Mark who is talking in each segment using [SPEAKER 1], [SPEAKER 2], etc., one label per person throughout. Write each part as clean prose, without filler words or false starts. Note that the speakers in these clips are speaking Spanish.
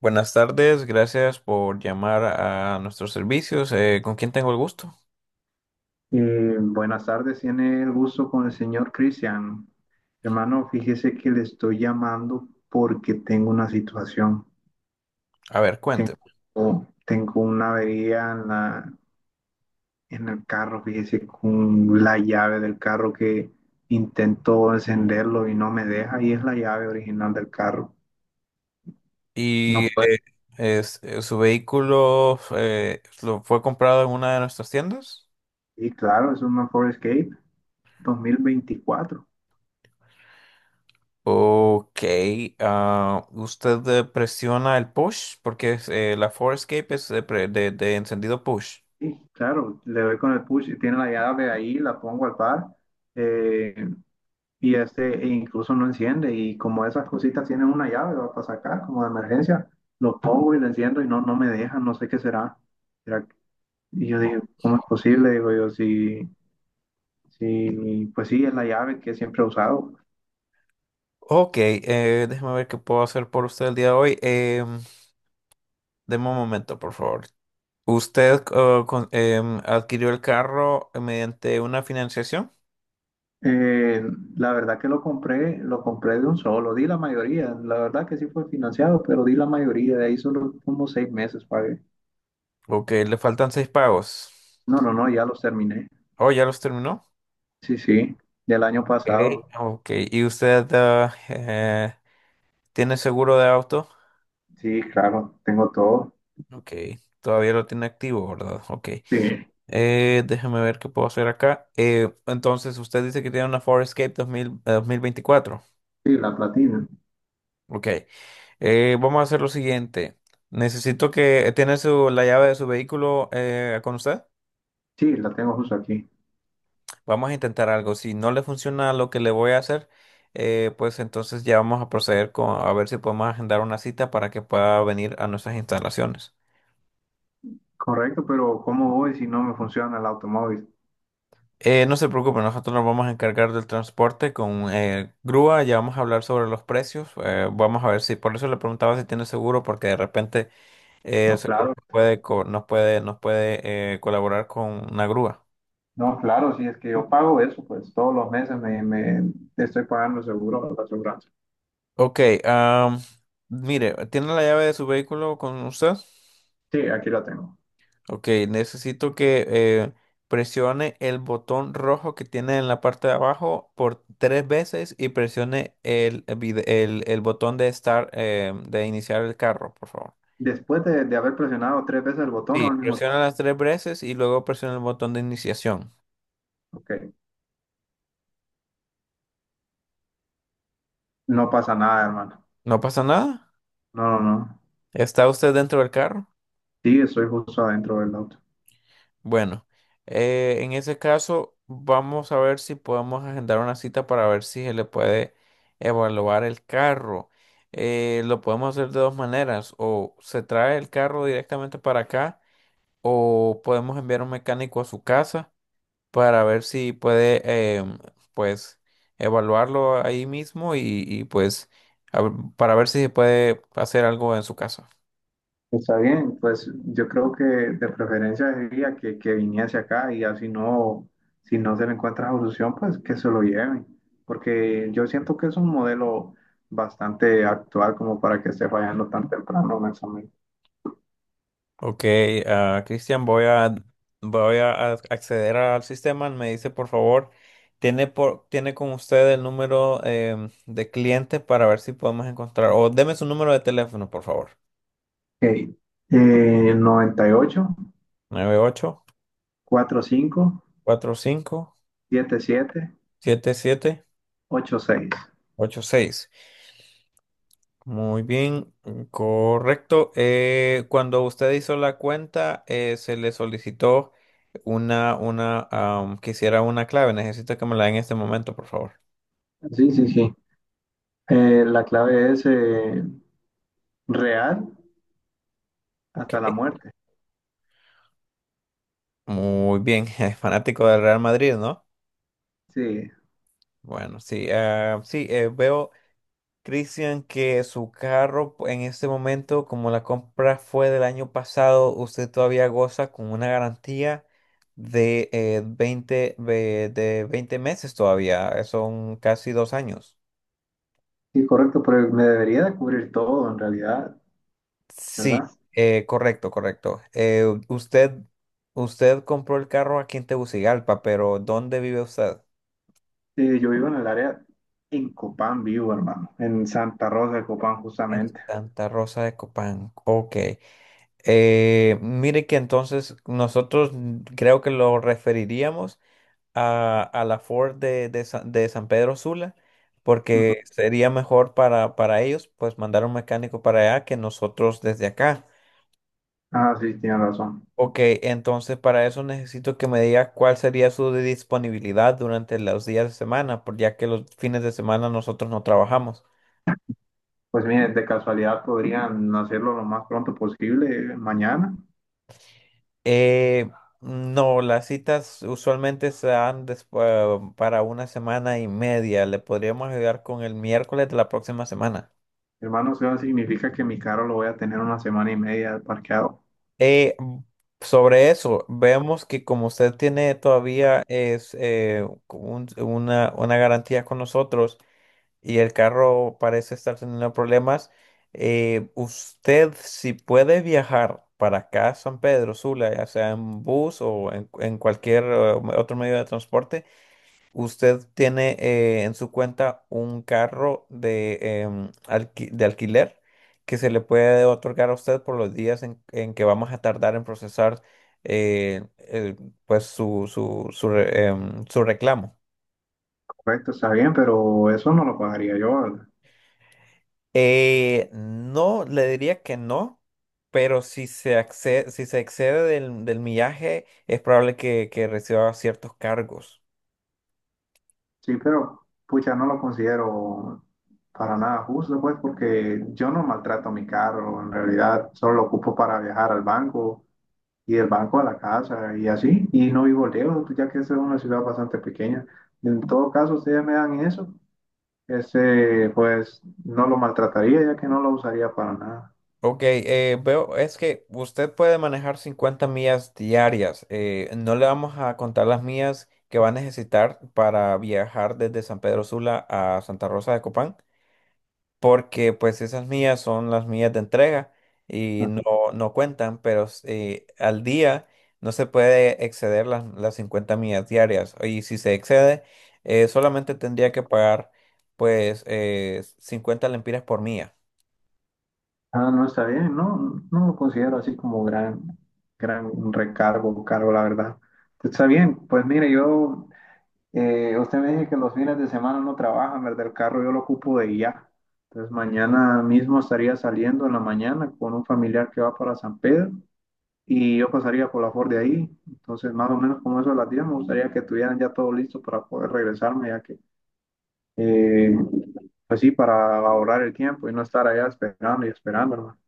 [SPEAKER 1] Buenas tardes, gracias por llamar a nuestros servicios. ¿Con quién tengo el gusto?
[SPEAKER 2] Buenas tardes, tiene el gusto con el señor Cristian. Hermano, fíjese que le estoy llamando porque tengo una situación.
[SPEAKER 1] A ver, cuénteme.
[SPEAKER 2] Tengo una avería en la, en el carro, fíjese, con la llave del carro que intento encenderlo y no me deja, y es la llave original del carro. No
[SPEAKER 1] ¿Y
[SPEAKER 2] puedo.
[SPEAKER 1] su vehículo lo fue comprado en una de nuestras tiendas?
[SPEAKER 2] Y claro, es una Ford Escape 2024.
[SPEAKER 1] Ok, usted presiona el push porque la Forescape es de, de encendido push.
[SPEAKER 2] Sí, claro, le doy con el push, tiene la llave ahí, la pongo al par. Eh, y este e incluso no enciende y como esas cositas tienen una llave va para sacar como de emergencia, lo pongo y lo enciendo y no, no me deja, no sé qué será. Será que- Y yo digo, ¿cómo es posible? Digo yo, si, si, pues sí, es la llave que siempre he usado.
[SPEAKER 1] Ok, déjeme ver qué puedo hacer por usted el día de hoy. Deme un momento, por favor. ¿Usted adquirió el carro mediante una financiación?
[SPEAKER 2] Eh, la verdad que lo compré de un solo, di la mayoría, la verdad que sí fue financiado, pero di la mayoría, de ahí solo como 6 meses pagué.
[SPEAKER 1] Ok, le faltan seis pagos.
[SPEAKER 2] No, no, no, ya los terminé.
[SPEAKER 1] Oh, ¿ya los terminó?
[SPEAKER 2] Sí, sí, del año
[SPEAKER 1] Ok,
[SPEAKER 2] pasado.
[SPEAKER 1] ok. ¿Y usted tiene seguro de auto?
[SPEAKER 2] Sí, claro, tengo todo.
[SPEAKER 1] Ok, todavía lo tiene activo, ¿verdad? Ok.
[SPEAKER 2] Sí.
[SPEAKER 1] Déjeme ver qué puedo hacer acá. Entonces, usted dice que tiene una Ford Escape 2000 2024.
[SPEAKER 2] Sí, la platina.
[SPEAKER 1] Ok, vamos a hacer lo siguiente. Necesito que... ¿Tiene la llave de su vehículo con usted?
[SPEAKER 2] Sí, la tengo justo aquí.
[SPEAKER 1] Vamos a intentar algo. Si no le funciona lo que le voy a hacer, pues entonces ya vamos a proceder con a ver si podemos agendar una cita para que pueda venir a nuestras instalaciones.
[SPEAKER 2] Correcto, pero ¿cómo voy si no me funciona el automóvil?
[SPEAKER 1] No se preocupe, nosotros nos vamos a encargar del transporte con grúa. Ya vamos a hablar sobre los precios. Vamos a ver si, por eso le preguntaba si tiene seguro, porque de repente el
[SPEAKER 2] No,
[SPEAKER 1] seguro
[SPEAKER 2] claro.
[SPEAKER 1] nos puede, nos puede colaborar con una grúa.
[SPEAKER 2] No, claro, si es que yo pago eso, pues todos los meses me estoy pagando seguro la aseguranza.
[SPEAKER 1] Ok, am, mire, ¿tiene la llave de su vehículo con usted?
[SPEAKER 2] Sí, aquí la tengo.
[SPEAKER 1] Ok, necesito que presione el botón rojo que tiene en la parte de abajo por tres veces y presione el botón de start, de iniciar el carro, por favor.
[SPEAKER 2] Después de haber presionado 3 veces el botón o
[SPEAKER 1] Sí,
[SPEAKER 2] al mismo
[SPEAKER 1] presiona las tres veces y luego presiona el botón de iniciación.
[SPEAKER 2] tiempo, ok, no pasa nada, hermano.
[SPEAKER 1] ¿No pasa nada?
[SPEAKER 2] No, no, no.
[SPEAKER 1] ¿Está usted dentro del carro?
[SPEAKER 2] Sí, estoy justo adentro del auto.
[SPEAKER 1] Bueno, en ese caso vamos a ver si podemos agendar una cita para ver si se le puede evaluar el carro. Lo podemos hacer de dos maneras, o se trae el carro directamente para acá o podemos enviar un mecánico a su casa para ver si puede pues evaluarlo ahí mismo y pues para ver si se puede hacer algo en su casa.
[SPEAKER 2] Está bien, pues yo creo que de preferencia sería que viniese acá y así no, si no se le encuentra solución, pues que se lo lleven, porque yo siento que es un modelo bastante actual como para que esté fallando tan temprano un examen.
[SPEAKER 1] Ok, Cristian, voy a acceder al sistema. Me dice, por favor, tiene con usted el número de cliente para ver si podemos encontrar. O deme su número de teléfono, por favor.
[SPEAKER 2] Ok, 98,
[SPEAKER 1] Nueve ocho ocho
[SPEAKER 2] cuarenta y cinco,
[SPEAKER 1] cuatro cinco
[SPEAKER 2] setenta y siete,
[SPEAKER 1] siete siete
[SPEAKER 2] 45, 77,
[SPEAKER 1] ocho seis. Muy bien, mm, correcto. Cuando usted hizo la cuenta, se le solicitó que hiciera una clave. Necesito que me la dé en este momento, por favor.
[SPEAKER 2] seis. Sí, sí, sí. La clave es real
[SPEAKER 1] Ok.
[SPEAKER 2] hasta la muerte.
[SPEAKER 1] Muy bien, es fanático del Real Madrid, ¿no?
[SPEAKER 2] Sí,
[SPEAKER 1] Bueno, sí, ah, sí, veo, Cristian, que su carro en este momento, como la compra fue del año pasado, usted todavía goza con una garantía de 20 meses todavía. Son casi 2 años.
[SPEAKER 2] sí, correcto, pero me debería de cubrir todo en realidad.
[SPEAKER 1] Sí,
[SPEAKER 2] ¿Verdad?
[SPEAKER 1] correcto, correcto. Usted compró el carro aquí en Tegucigalpa, pero ¿dónde vive usted?
[SPEAKER 2] Y yo vivo en el área, en Copán vivo, hermano, en Santa Rosa de Copán
[SPEAKER 1] En
[SPEAKER 2] justamente.
[SPEAKER 1] Santa Rosa de Copán. Ok. Mire que entonces nosotros, creo que lo referiríamos a la Ford de San Pedro Sula,
[SPEAKER 2] Ujú.
[SPEAKER 1] porque sería mejor para ellos pues mandar un mecánico para allá que nosotros desde acá.
[SPEAKER 2] Ah, sí, tienen razón.
[SPEAKER 1] Ok, entonces para eso necesito que me diga cuál sería su disponibilidad durante los días de semana, ya que los fines de semana nosotros no trabajamos.
[SPEAKER 2] Pues miren, de casualidad podrían hacerlo lo más pronto posible, mañana.
[SPEAKER 1] Eh, no, las citas usualmente para una semana y media. Le podríamos ayudar con el miércoles de la próxima semana.
[SPEAKER 2] Hermano, eso significa que mi carro lo voy a tener una semana y media parqueado.
[SPEAKER 1] Eh, Sobre eso, vemos que como usted tiene todavía, una garantía con nosotros y el carro parece estar teniendo problemas, usted si puede viajar para acá a San Pedro Sula, ya sea en bus o en cualquier otro medio de transporte, usted tiene en su cuenta un carro de alquiler que se le puede otorgar a usted por los días en que vamos a tardar en procesar eh, el- pues su reclamo.
[SPEAKER 2] Correcto, está bien, pero eso no lo pagaría yo, ¿verdad?
[SPEAKER 1] No, le diría que no, pero si se excede del millaje, es probable que reciba ciertos cargos.
[SPEAKER 2] Sí, pero pucha, no lo considero para nada justo, pues, porque yo no maltrato mi carro, en realidad solo lo ocupo para viajar al banco y del banco a la casa y así, y no vivo lejos, ya que esa es una ciudad bastante pequeña. En todo caso, ustedes me dan eso, ese, pues no lo maltrataría, ya que no lo usaría para nada.
[SPEAKER 1] Ok, veo, es que usted puede manejar 50 millas diarias. No le vamos a contar las millas que va a necesitar para viajar desde San Pedro Sula a Santa Rosa de Copán, porque pues esas millas son las millas de entrega y no,
[SPEAKER 2] Ajá.
[SPEAKER 1] no cuentan, pero al día no se puede exceder las 50 millas diarias. Y si se excede, solamente tendría que pagar pues 50 lempiras por milla.
[SPEAKER 2] Ah, no, está bien, no, no lo considero así como gran, gran recargo o cargo, la verdad. Está bien, pues mire, yo, usted me dice que los fines de semana no trabajan, ¿verdad? El carro yo lo ocupo de ya. Entonces mañana mismo estaría saliendo en la mañana con un familiar que va para San Pedro y yo pasaría por la Ford de ahí. Entonces, más o menos como eso a las 10, me gustaría que tuvieran ya todo listo para poder regresarme, ya que, eh, pues sí, para ahorrar el tiempo y no estar allá esperando y esperando, hermano.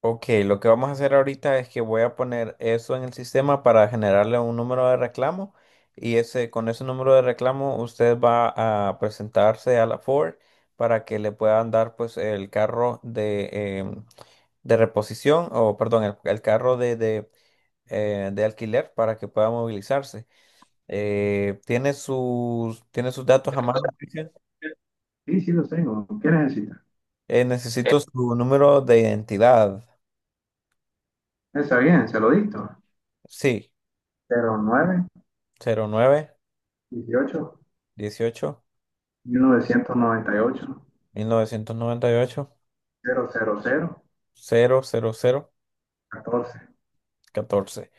[SPEAKER 1] Ok, lo que vamos a hacer ahorita es que voy a poner eso en el sistema para generarle un número de reclamo, y ese, con ese número de reclamo usted va a presentarse a la Ford para que le puedan dar pues el carro em, de reposición o, perdón, el carro de alquiler para que pueda movilizarse. Tiene sus datos a mano, Cristian?
[SPEAKER 2] Sí, sí, los tengo. ¿Qué necesitas?
[SPEAKER 1] Necesito su número de identidad.
[SPEAKER 2] Está bien, se lo dicto.
[SPEAKER 1] Sí,
[SPEAKER 2] 09,
[SPEAKER 1] cero nueve
[SPEAKER 2] 18,
[SPEAKER 1] dieciocho
[SPEAKER 2] 1998,
[SPEAKER 1] mil novecientos noventa y ocho
[SPEAKER 2] 000,
[SPEAKER 1] cero cero cero
[SPEAKER 2] 14.
[SPEAKER 1] catorce.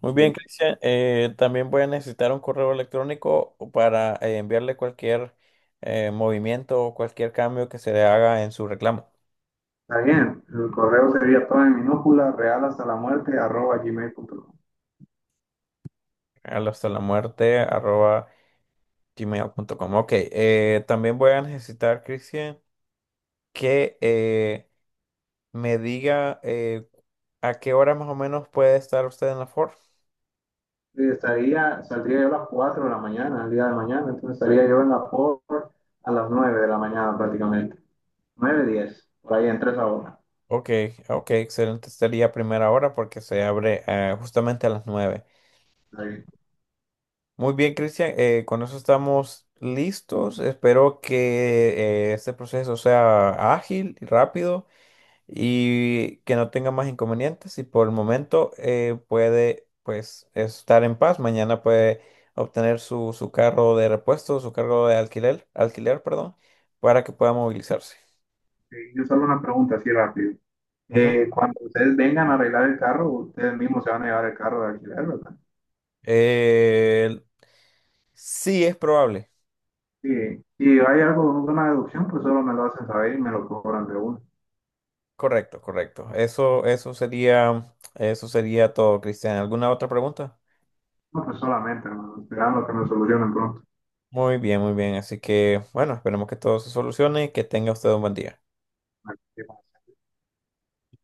[SPEAKER 1] Muy bien,
[SPEAKER 2] 10.
[SPEAKER 1] Cristian. También voy a necesitar un correo electrónico para enviarle cualquier movimiento o cualquier cambio que se le haga en su reclamo.
[SPEAKER 2] Está bien, el correo sería todo en minúscula, real hasta la muerte, arroba gmail.com.
[SPEAKER 1] Al hastalamuerte@gmail.com. Ok, también voy a necesitar, Cristian, que me diga a qué hora más o menos puede estar usted en la Ford.
[SPEAKER 2] Y estaría, saldría yo a las 4 de la mañana, el día de mañana, entonces estaría yo en la por a las 9 de la mañana prácticamente. 9:10 por ahí, entre 3 horas.
[SPEAKER 1] Ok, ok, excelente. Estaría a primera hora porque se abre justamente a las 9.
[SPEAKER 2] Está bien.
[SPEAKER 1] Muy bien, Cristian, con eso estamos listos. Espero que este proceso sea ágil y rápido y que no tenga más inconvenientes. Y por el momento puede pues estar en paz. Mañana puede obtener su carro de repuesto, su cargo de alquiler, alquiler, perdón, para que pueda movilizarse.
[SPEAKER 2] Yo solo una pregunta así rápido.
[SPEAKER 1] Ujú.
[SPEAKER 2] Cuando ustedes vengan a arreglar el carro, ustedes mismos se van a llevar el carro de alquiler, ¿verdad?
[SPEAKER 1] Eh, sí, es probable.
[SPEAKER 2] Sí. Si hay algo, una deducción, pues solo me lo hacen saber y me lo cobran de uno.
[SPEAKER 1] Correcto, correcto. Eso sería todo, Cristian. ¿Alguna otra pregunta?
[SPEAKER 2] No, pues solamente, hermano, esperando que me solucionen pronto.
[SPEAKER 1] Muy bien, muy bien. Así que, bueno, esperemos que todo se solucione y que tenga usted un buen día.